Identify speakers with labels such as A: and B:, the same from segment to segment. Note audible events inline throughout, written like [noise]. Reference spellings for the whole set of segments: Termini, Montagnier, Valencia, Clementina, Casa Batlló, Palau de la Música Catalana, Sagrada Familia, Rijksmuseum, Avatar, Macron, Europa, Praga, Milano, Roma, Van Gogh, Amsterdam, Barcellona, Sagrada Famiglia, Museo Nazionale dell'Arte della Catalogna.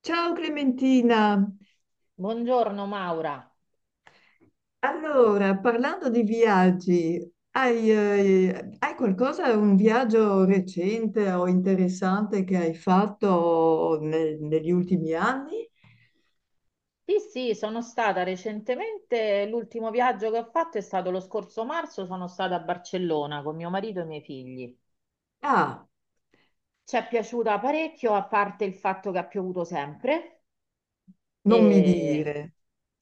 A: Ciao Clementina,
B: Buongiorno Maura.
A: allora parlando di viaggi, hai qualcosa, un viaggio recente o interessante che hai fatto negli ultimi anni?
B: Sì, sì, sono stata recentemente, l'ultimo viaggio che ho fatto è stato lo scorso marzo, sono stata a Barcellona con mio marito e i miei figli.
A: Ah,
B: Ci è piaciuta parecchio, a parte il fatto che ha piovuto sempre.
A: non mi
B: E...
A: dire.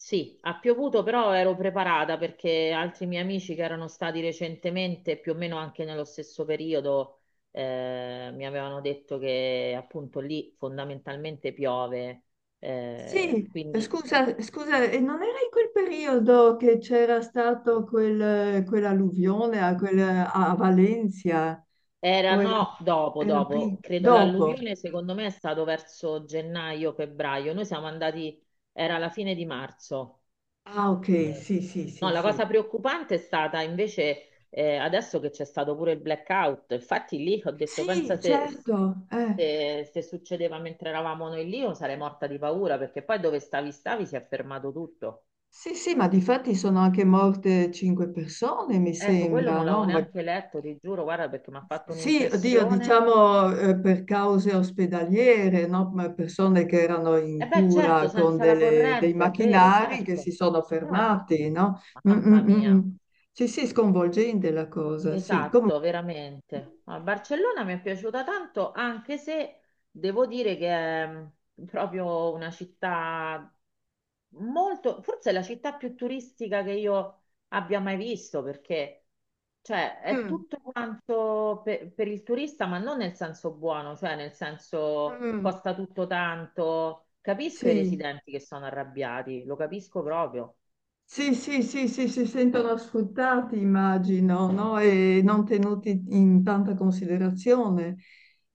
B: Sì, ha piovuto, però ero preparata perché altri miei amici che erano stati recentemente, più o meno anche nello stesso periodo, mi avevano detto che appunto lì fondamentalmente piove.
A: Sì,
B: Quindi...
A: scusa, e non era in quel periodo che c'era stato quell'alluvione a Valencia?
B: Era
A: O era,
B: no, dopo,
A: era prima?
B: dopo, credo
A: Dopo?
B: l'alluvione secondo me è stato verso gennaio, febbraio, noi siamo andati, era la fine di marzo.
A: Ah, ok,
B: Eh,
A: sì, sì,
B: No,
A: sì,
B: la
A: sì.
B: cosa preoccupante è stata invece adesso che c'è stato pure il blackout, infatti lì ho detto pensa
A: Sì, certo.
B: se, succedeva mentre eravamo noi lì io sarei morta di paura perché poi dove stavi stavi si è fermato tutto.
A: Sì, sì, ma difatti sono anche morte cinque persone, mi
B: Ecco, quello
A: sembra,
B: non l'avevo
A: no?
B: neanche letto, ti giuro, guarda perché mi ha fatto
A: Sì, oddio,
B: un'impressione.
A: diciamo per cause ospedaliere, no? Ma persone che erano in
B: E beh, certo,
A: cura con
B: senza la
A: dei
B: corrente, è vero,
A: macchinari che si
B: certo,
A: sono
B: certo.
A: fermati, no? Mm,
B: Mamma
A: mm, mm, mm.
B: mia.
A: Sì, sì, sconvolgente la cosa, sì. Comunque.
B: Esatto, veramente. A Barcellona mi è piaciuta tanto, anche se devo dire che è proprio una città molto, forse è la città più turistica che io abbia mai visto, perché cioè, è
A: Mm,
B: tutto quanto per il turista, ma non nel senso buono, cioè nel senso
A: mm,
B: costa tutto tanto. Capisco i
A: sì.
B: residenti che sono arrabbiati, lo capisco proprio.
A: Sì, sì, sì, sì, si sentono sfruttati, immagino, no? E non tenuti in tanta considerazione,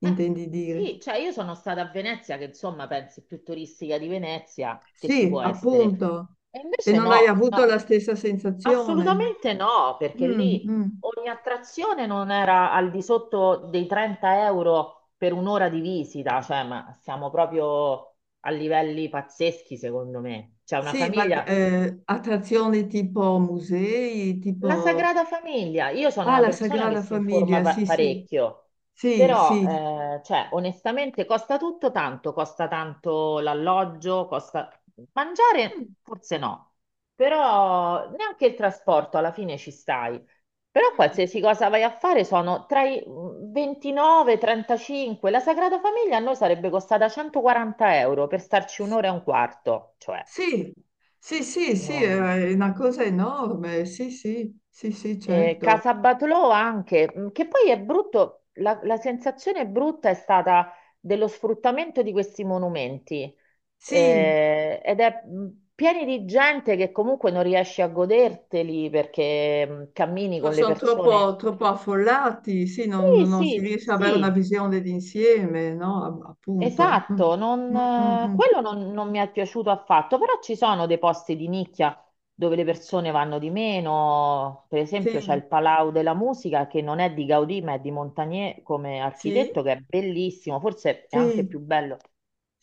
B: Eh,
A: dire.
B: sì, cioè io sono stata a Venezia, che insomma pensi più turistica di Venezia che ci
A: Sì,
B: può essere.
A: appunto.
B: E
A: E
B: invece
A: non hai
B: no,
A: avuto
B: no,
A: la stessa sensazione.
B: assolutamente no, perché
A: Mm,
B: lì
A: mm.
B: ogni attrazione non era al di sotto dei 30 euro per un'ora di visita, cioè ma siamo proprio a livelli pazzeschi secondo me. C'è una
A: Sì, ma
B: famiglia
A: attrazioni tipo musei,
B: La
A: tipo...
B: Sagrada Famiglia, io sono
A: Ah,
B: una
A: la
B: persona che
A: Sagrada
B: si informa
A: Famiglia,
B: pa-
A: sì, sì,
B: parecchio,
A: sì,
B: però
A: sì.
B: cioè, onestamente costa tutto tanto, costa tanto l'alloggio, costa mangiare,
A: Mm,
B: forse no, però neanche il trasporto alla fine ci stai. Però
A: mm.
B: qualsiasi cosa vai a fare sono tra i 29 e 35. La Sagrada Famiglia a noi sarebbe costata 140 euro per starci un'ora e un quarto, cioè
A: Sì, sì, sì, sì, è
B: non...
A: una cosa enorme, sì, sì, sì, sì, certo.
B: Casabatlò anche, che poi è brutto, la sensazione brutta è stata dello sfruttamento di questi monumenti.
A: Sì,
B: Ed è pieni di gente che comunque non riesci a goderteli perché cammini con le
A: sono
B: persone.
A: troppo, troppo affollati, sì,
B: Sì,
A: non si
B: sì,
A: riesce ad avere una
B: sì.
A: visione d'insieme, no? Appunto. Mm,
B: Esatto,
A: mm, mm, mm.
B: quello non mi è piaciuto affatto, però ci sono dei posti di nicchia dove le persone vanno di meno, per esempio c'è
A: Sì,
B: il Palau della Musica che non è di Gaudì ma è di Montagnier come
A: sì,
B: architetto che è bellissimo, forse è anche
A: sì,
B: più bello,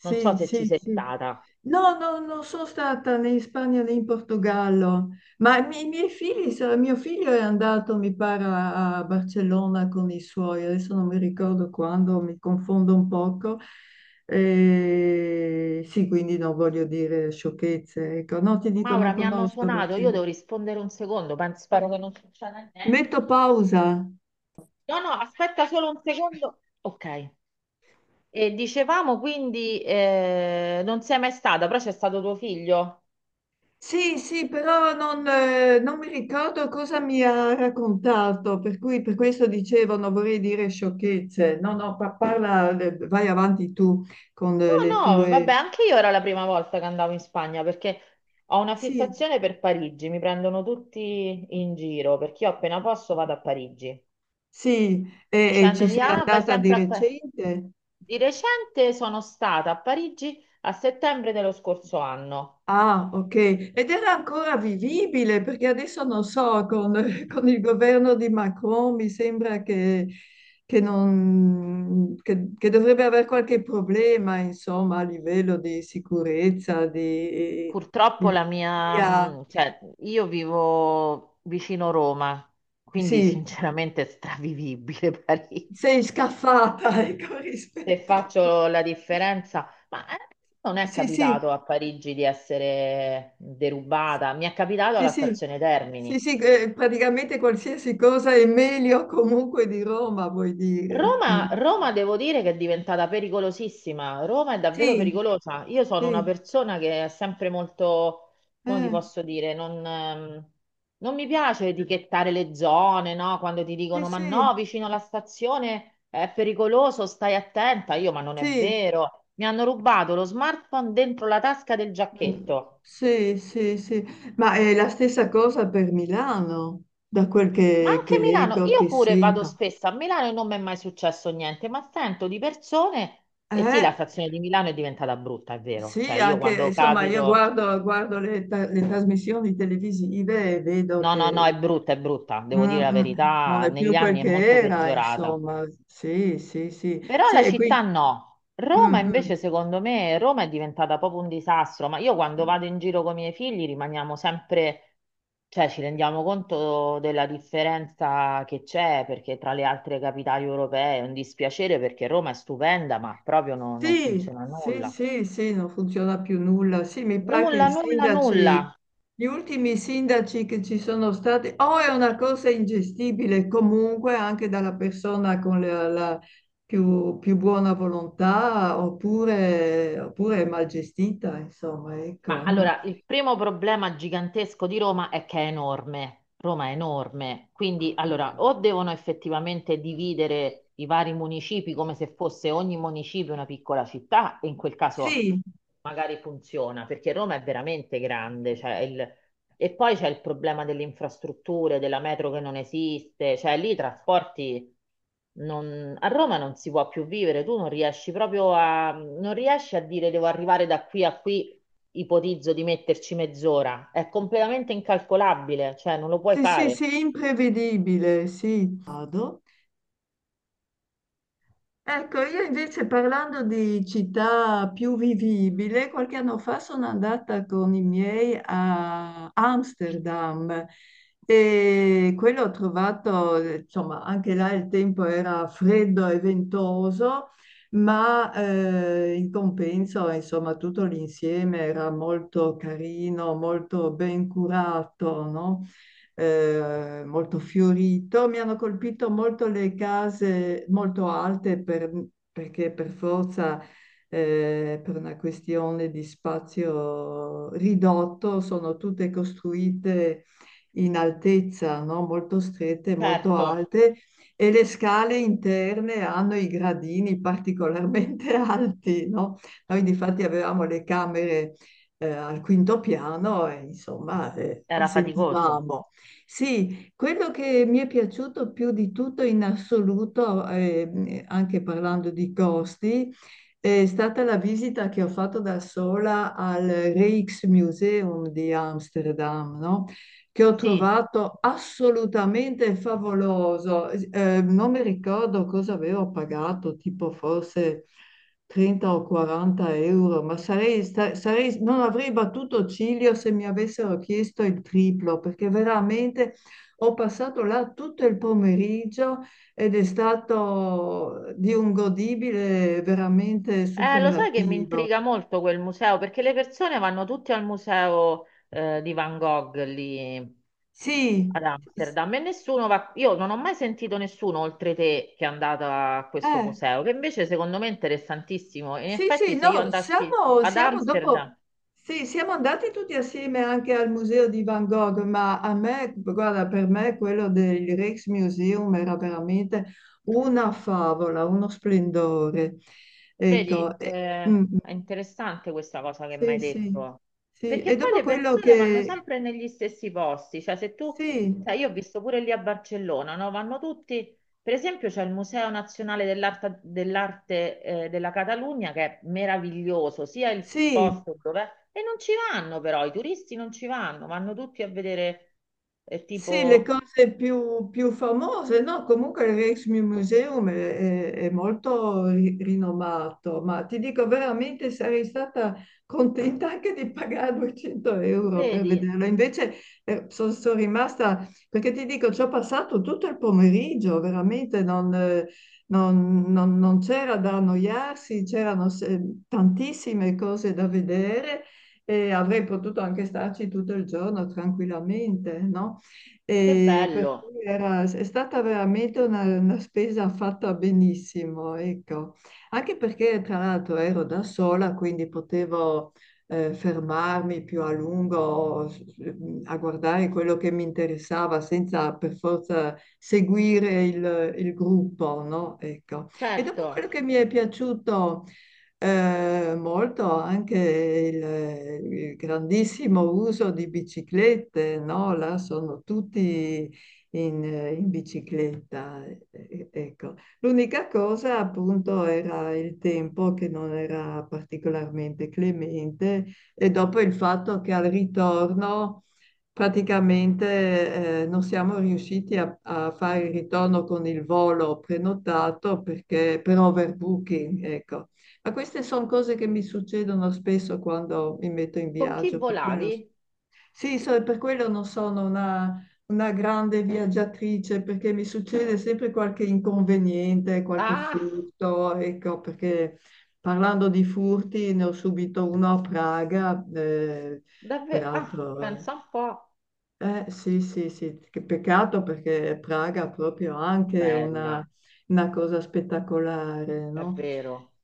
B: non so se ci
A: sì,
B: sei
A: sì.
B: stata.
A: No, no, non sono stata né in Spagna né in Portogallo, ma i miei figli, mio figlio è andato, mi pare, a a Barcellona con i suoi, adesso non mi ricordo quando, mi confondo un poco. E sì, quindi non voglio dire sciocchezze, ecco, no, ti dico, non
B: Maura, mi hanno
A: conosco
B: suonato, io
A: Barcellona.
B: devo rispondere un secondo, penso, spero che non succeda niente.
A: Metto pausa.
B: No, no, aspetta solo un secondo. Ok, e dicevamo quindi non sei mai stata, però c'è stato tuo figlio?
A: Sì, sì, però non, non mi ricordo cosa mi ha raccontato, per cui per questo dicevo non vorrei dire sciocchezze. No, no, parla, vai avanti tu con le
B: No, no,
A: tue...
B: vabbè, anche io era la prima volta che andavo in Spagna perché ho una
A: Sì,
B: fissazione per Parigi, mi prendono tutti in giro perché io appena posso vado a Parigi,
A: sì, e ci
B: dicendomi,
A: sei
B: ah, vai
A: andata di
B: sempre a Parigi.
A: recente?
B: Di recente sono stata a Parigi a settembre dello scorso anno.
A: Ah, ok. Ed era ancora vivibile perché adesso non so, con, [laughs] con il governo di Macron mi sembra che che dovrebbe avere qualche problema, insomma, a livello di sicurezza, di
B: Purtroppo la mia,
A: pulizia.
B: cioè, io vivo vicino Roma, quindi
A: Sì,
B: sinceramente è stravivibile [laughs] Parigi.
A: sei scaffata, [laughs] ecco,
B: Se
A: rispetto.
B: faccio la differenza, ma non è
A: Sì, sì,
B: capitato a Parigi di essere derubata, mi è capitato
A: sì,
B: alla
A: sì,
B: stazione
A: sì,
B: Termini.
A: sì, praticamente qualsiasi cosa è meglio comunque di Roma, vuoi dire. Mm.
B: Roma, Roma devo dire che è diventata pericolosissima. Roma è davvero
A: Sì,
B: pericolosa. Io sono una
A: sì.
B: persona che è sempre molto, come ti
A: Eh.
B: posso dire, non mi piace etichettare le zone, no? Quando ti
A: Sì,
B: dicono ma
A: sì,
B: no, vicino alla stazione è pericoloso, stai attenta. Ma non è
A: sì,
B: vero. Mi hanno rubato lo smartphone dentro la tasca del
A: Mm.
B: giacchetto.
A: sì, sì, sì. Ma è la stessa cosa per Milano, da
B: Ma anche
A: che
B: Milano,
A: leggo,
B: io
A: che
B: pure vado
A: sento.
B: spesso a Milano e non mi è mai successo niente, ma sento di persone, e sì, la
A: Eh,
B: stazione di Milano è diventata brutta, è vero, cioè
A: sì,
B: io
A: anche,
B: quando
A: insomma, io
B: capito,
A: guardo le trasmissioni televisive e vedo
B: no, no, no,
A: che
B: è brutta,
A: mm,
B: devo dire la
A: mm, non
B: verità,
A: è
B: negli
A: più quel
B: anni è
A: che
B: molto
A: era,
B: peggiorata.
A: insomma. Sì, sì, sì.
B: Però
A: Sì,
B: la
A: e qui...
B: città no. Roma
A: mm,
B: invece, secondo me, Roma è diventata proprio un disastro, ma io quando
A: mm.
B: vado in giro con i miei figli rimaniamo sempre, cioè ci rendiamo conto della differenza che c'è, perché tra le altre capitali europee è un dispiacere perché Roma è stupenda, ma proprio non
A: Sì,
B: funziona
A: sì,
B: nulla.
A: sì, sì, non funziona più nulla. Sì, mi pare che
B: Nulla, nulla, nulla.
A: gli ultimi sindaci che ci sono stati, o è una cosa ingestibile comunque anche dalla persona con la più buona volontà, oppure, oppure è mal gestita, insomma,
B: Ma
A: ecco, no?
B: allora, il primo problema gigantesco di Roma è che è enorme. Roma è enorme, quindi allora o devono effettivamente dividere i vari municipi come se fosse ogni municipio una piccola città, e in quel caso
A: Sì,
B: magari funziona, perché Roma è veramente grande, cioè e poi c'è il problema delle infrastrutture, della metro che non esiste, cioè lì i trasporti a Roma non si può più vivere, tu non riesci proprio non riesci a dire devo arrivare da qui a qui, ipotizzo di metterci mezz'ora, è completamente incalcolabile, cioè non lo puoi
A: sì, sì,
B: fare.
A: sì, imprevedibile, sì. Vado. Ecco, io invece parlando di città più vivibile, qualche anno fa sono andata con i miei a Amsterdam e quello ho trovato, insomma, anche là il tempo era freddo e ventoso, ma in compenso, insomma, tutto l'insieme era molto carino, molto ben curato, no? Molto fiorito. Mi hanno colpito molto le case molto alte perché per forza, per una questione di spazio ridotto, sono tutte costruite in altezza, no? Molto strette, molto
B: Certo,
A: alte e le scale interne hanno i gradini particolarmente [laughs] alti, no? Noi difatti avevamo le camere al quinto piano e insomma le
B: era faticoso.
A: sentivamo. Sì, quello che mi è piaciuto più di tutto in assoluto, anche parlando di costi, è stata la visita che ho fatto da sola al Rijksmuseum di Amsterdam, no? Che ho
B: Sì.
A: trovato assolutamente favoloso. Non mi ricordo cosa avevo pagato, tipo forse 30 o 40 euro, ma non avrei battuto ciglio se mi avessero chiesto il triplo, perché veramente ho passato là tutto il pomeriggio ed è stato di un godibile veramente
B: Lo sai che mi
A: superlativo.
B: intriga molto quel museo perché le persone vanno tutte al museo di Van Gogh lì
A: Sì,
B: ad
A: s-
B: Amsterdam e nessuno va. Io non ho mai sentito nessuno oltre te che è andato a questo
A: eh.
B: museo, che invece secondo me è interessantissimo. In
A: Sì,
B: effetti,
A: sì,
B: se io
A: no,
B: andassi ad
A: siamo dopo,
B: Amsterdam.
A: sì, siamo andati tutti assieme anche al museo di Van Gogh, ma a me, guarda, per me quello del Rijksmuseum era veramente una favola, uno splendore.
B: Vedi,
A: Ecco, mm, mm,
B: è interessante questa cosa che mi
A: sì,
B: hai
A: sì,
B: detto,
A: sì,
B: perché
A: e
B: poi
A: dopo
B: le
A: quello
B: persone vanno
A: che,
B: sempre negli stessi posti, cioè se tu,
A: sì,
B: sai, io ho visto pure lì a Barcellona, no? Vanno tutti, per esempio c'è il Museo Nazionale dell'Arte, della Catalogna che è meraviglioso, sia il
A: sì.
B: posto dove è, e non ci vanno però, i turisti non ci vanno, vanno tutti a vedere,
A: Sì, le
B: tipo,
A: cose più, più famose, no? Comunque il Rijksmuseum è molto rinomato, ma ti dico veramente sarei stata contenta anche di pagare 200 euro per
B: vedi,
A: vederlo. Invece sono rimasta, perché ti dico, ci ho passato tutto il pomeriggio, veramente non c'era da annoiarsi, c'erano se- tantissime cose da vedere e avrei potuto anche starci tutto il giorno tranquillamente, no?
B: che
A: E per
B: bello,
A: cui è stata veramente una spesa fatta benissimo, ecco. Anche perché tra l'altro ero da sola, quindi potevo fermarmi più a lungo a guardare quello che mi interessava senza per forza seguire il gruppo, no? Ecco. E dopo
B: certo,
A: quello che mi è piaciuto molto anche il grandissimo uso di biciclette, no? Là sono tutti in bicicletta. Ecco. L'unica cosa appunto era il tempo che non era particolarmente clemente e dopo il fatto che al ritorno praticamente non siamo riusciti a fare il ritorno con il volo prenotato perché, per overbooking, ecco. Ma queste sono cose che mi succedono spesso quando mi metto in
B: con chi
A: viaggio, per quello,
B: volavi?
A: sì, per quello non sono una grande viaggiatrice perché mi succede sempre qualche inconveniente, qualche
B: Ah!
A: furto, ecco, perché parlando di furti ne ho subito uno a Praga,
B: Davvero? Ah,
A: peraltro... eh,
B: pensa un po'.
A: sì, sì, sì, che peccato perché Praga ha proprio anche
B: Bella,
A: una cosa spettacolare,
B: è
A: no?
B: vero.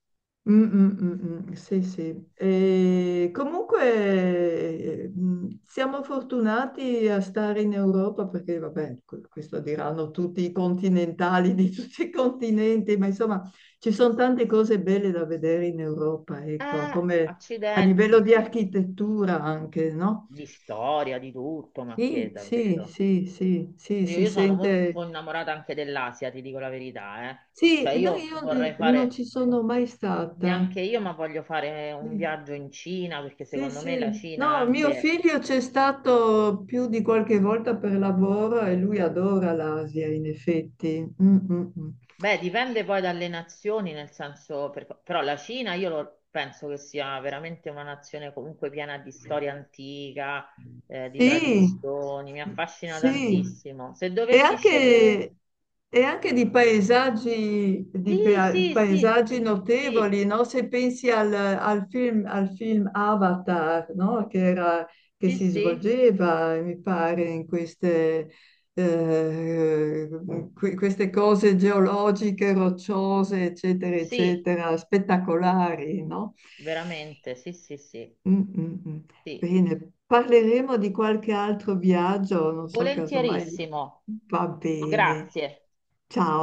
A: Mm, mm, mm, mm, sì, sì. E comunque mm, siamo fortunati a stare in Europa perché, vabbè, questo diranno tutti i continentali di tutti i continenti, ma insomma ci sono tante cose belle da vedere in Europa, ecco,
B: Eh,
A: come a livello
B: accidenti,
A: di
B: sì, sì.
A: architettura anche, no?
B: Di storia, di tutto, ma che
A: Sì, sì,
B: davvero.
A: sì, sì, sì,
B: Io,
A: si
B: io sono
A: sente.
B: molto innamorata anche dell'Asia, ti dico la verità, eh.
A: Sì,
B: Cioè
A: e no,
B: io
A: io
B: vorrei
A: non ci
B: fare,
A: sono mai stata.
B: neanche io, ma voglio fare un
A: Sì,
B: viaggio in Cina, perché
A: sì,
B: secondo me la
A: sì.
B: Cina
A: No, mio
B: anche...
A: figlio c'è stato più di qualche volta per lavoro e lui adora l'Asia, in effetti. Mm, mm, mm.
B: Beh, dipende poi dalle nazioni, nel senso, però la Cina io penso che sia veramente una nazione comunque piena di storia antica, di
A: Sì,
B: tradizioni, mi affascina
A: sì.
B: tantissimo. Se
A: E
B: dovessi scegliere...
A: anche, e anche di paesaggi, di
B: Sì, sì, sì,
A: paesaggi
B: sì, sì,
A: notevoli, no? Se pensi al film Avatar, no? Che
B: sì,
A: si
B: sì,
A: svolgeva, mi pare, in queste, eh, queste cose geologiche, rocciose, eccetera,
B: sì,
A: eccetera, spettacolari, no?
B: veramente, sì, sì, sì,
A: Mm, mm, mm.
B: sì.
A: Bene, parleremo di qualche altro viaggio, non so, casomai
B: Volentierissimo,
A: va bene.
B: grazie.
A: Ciao.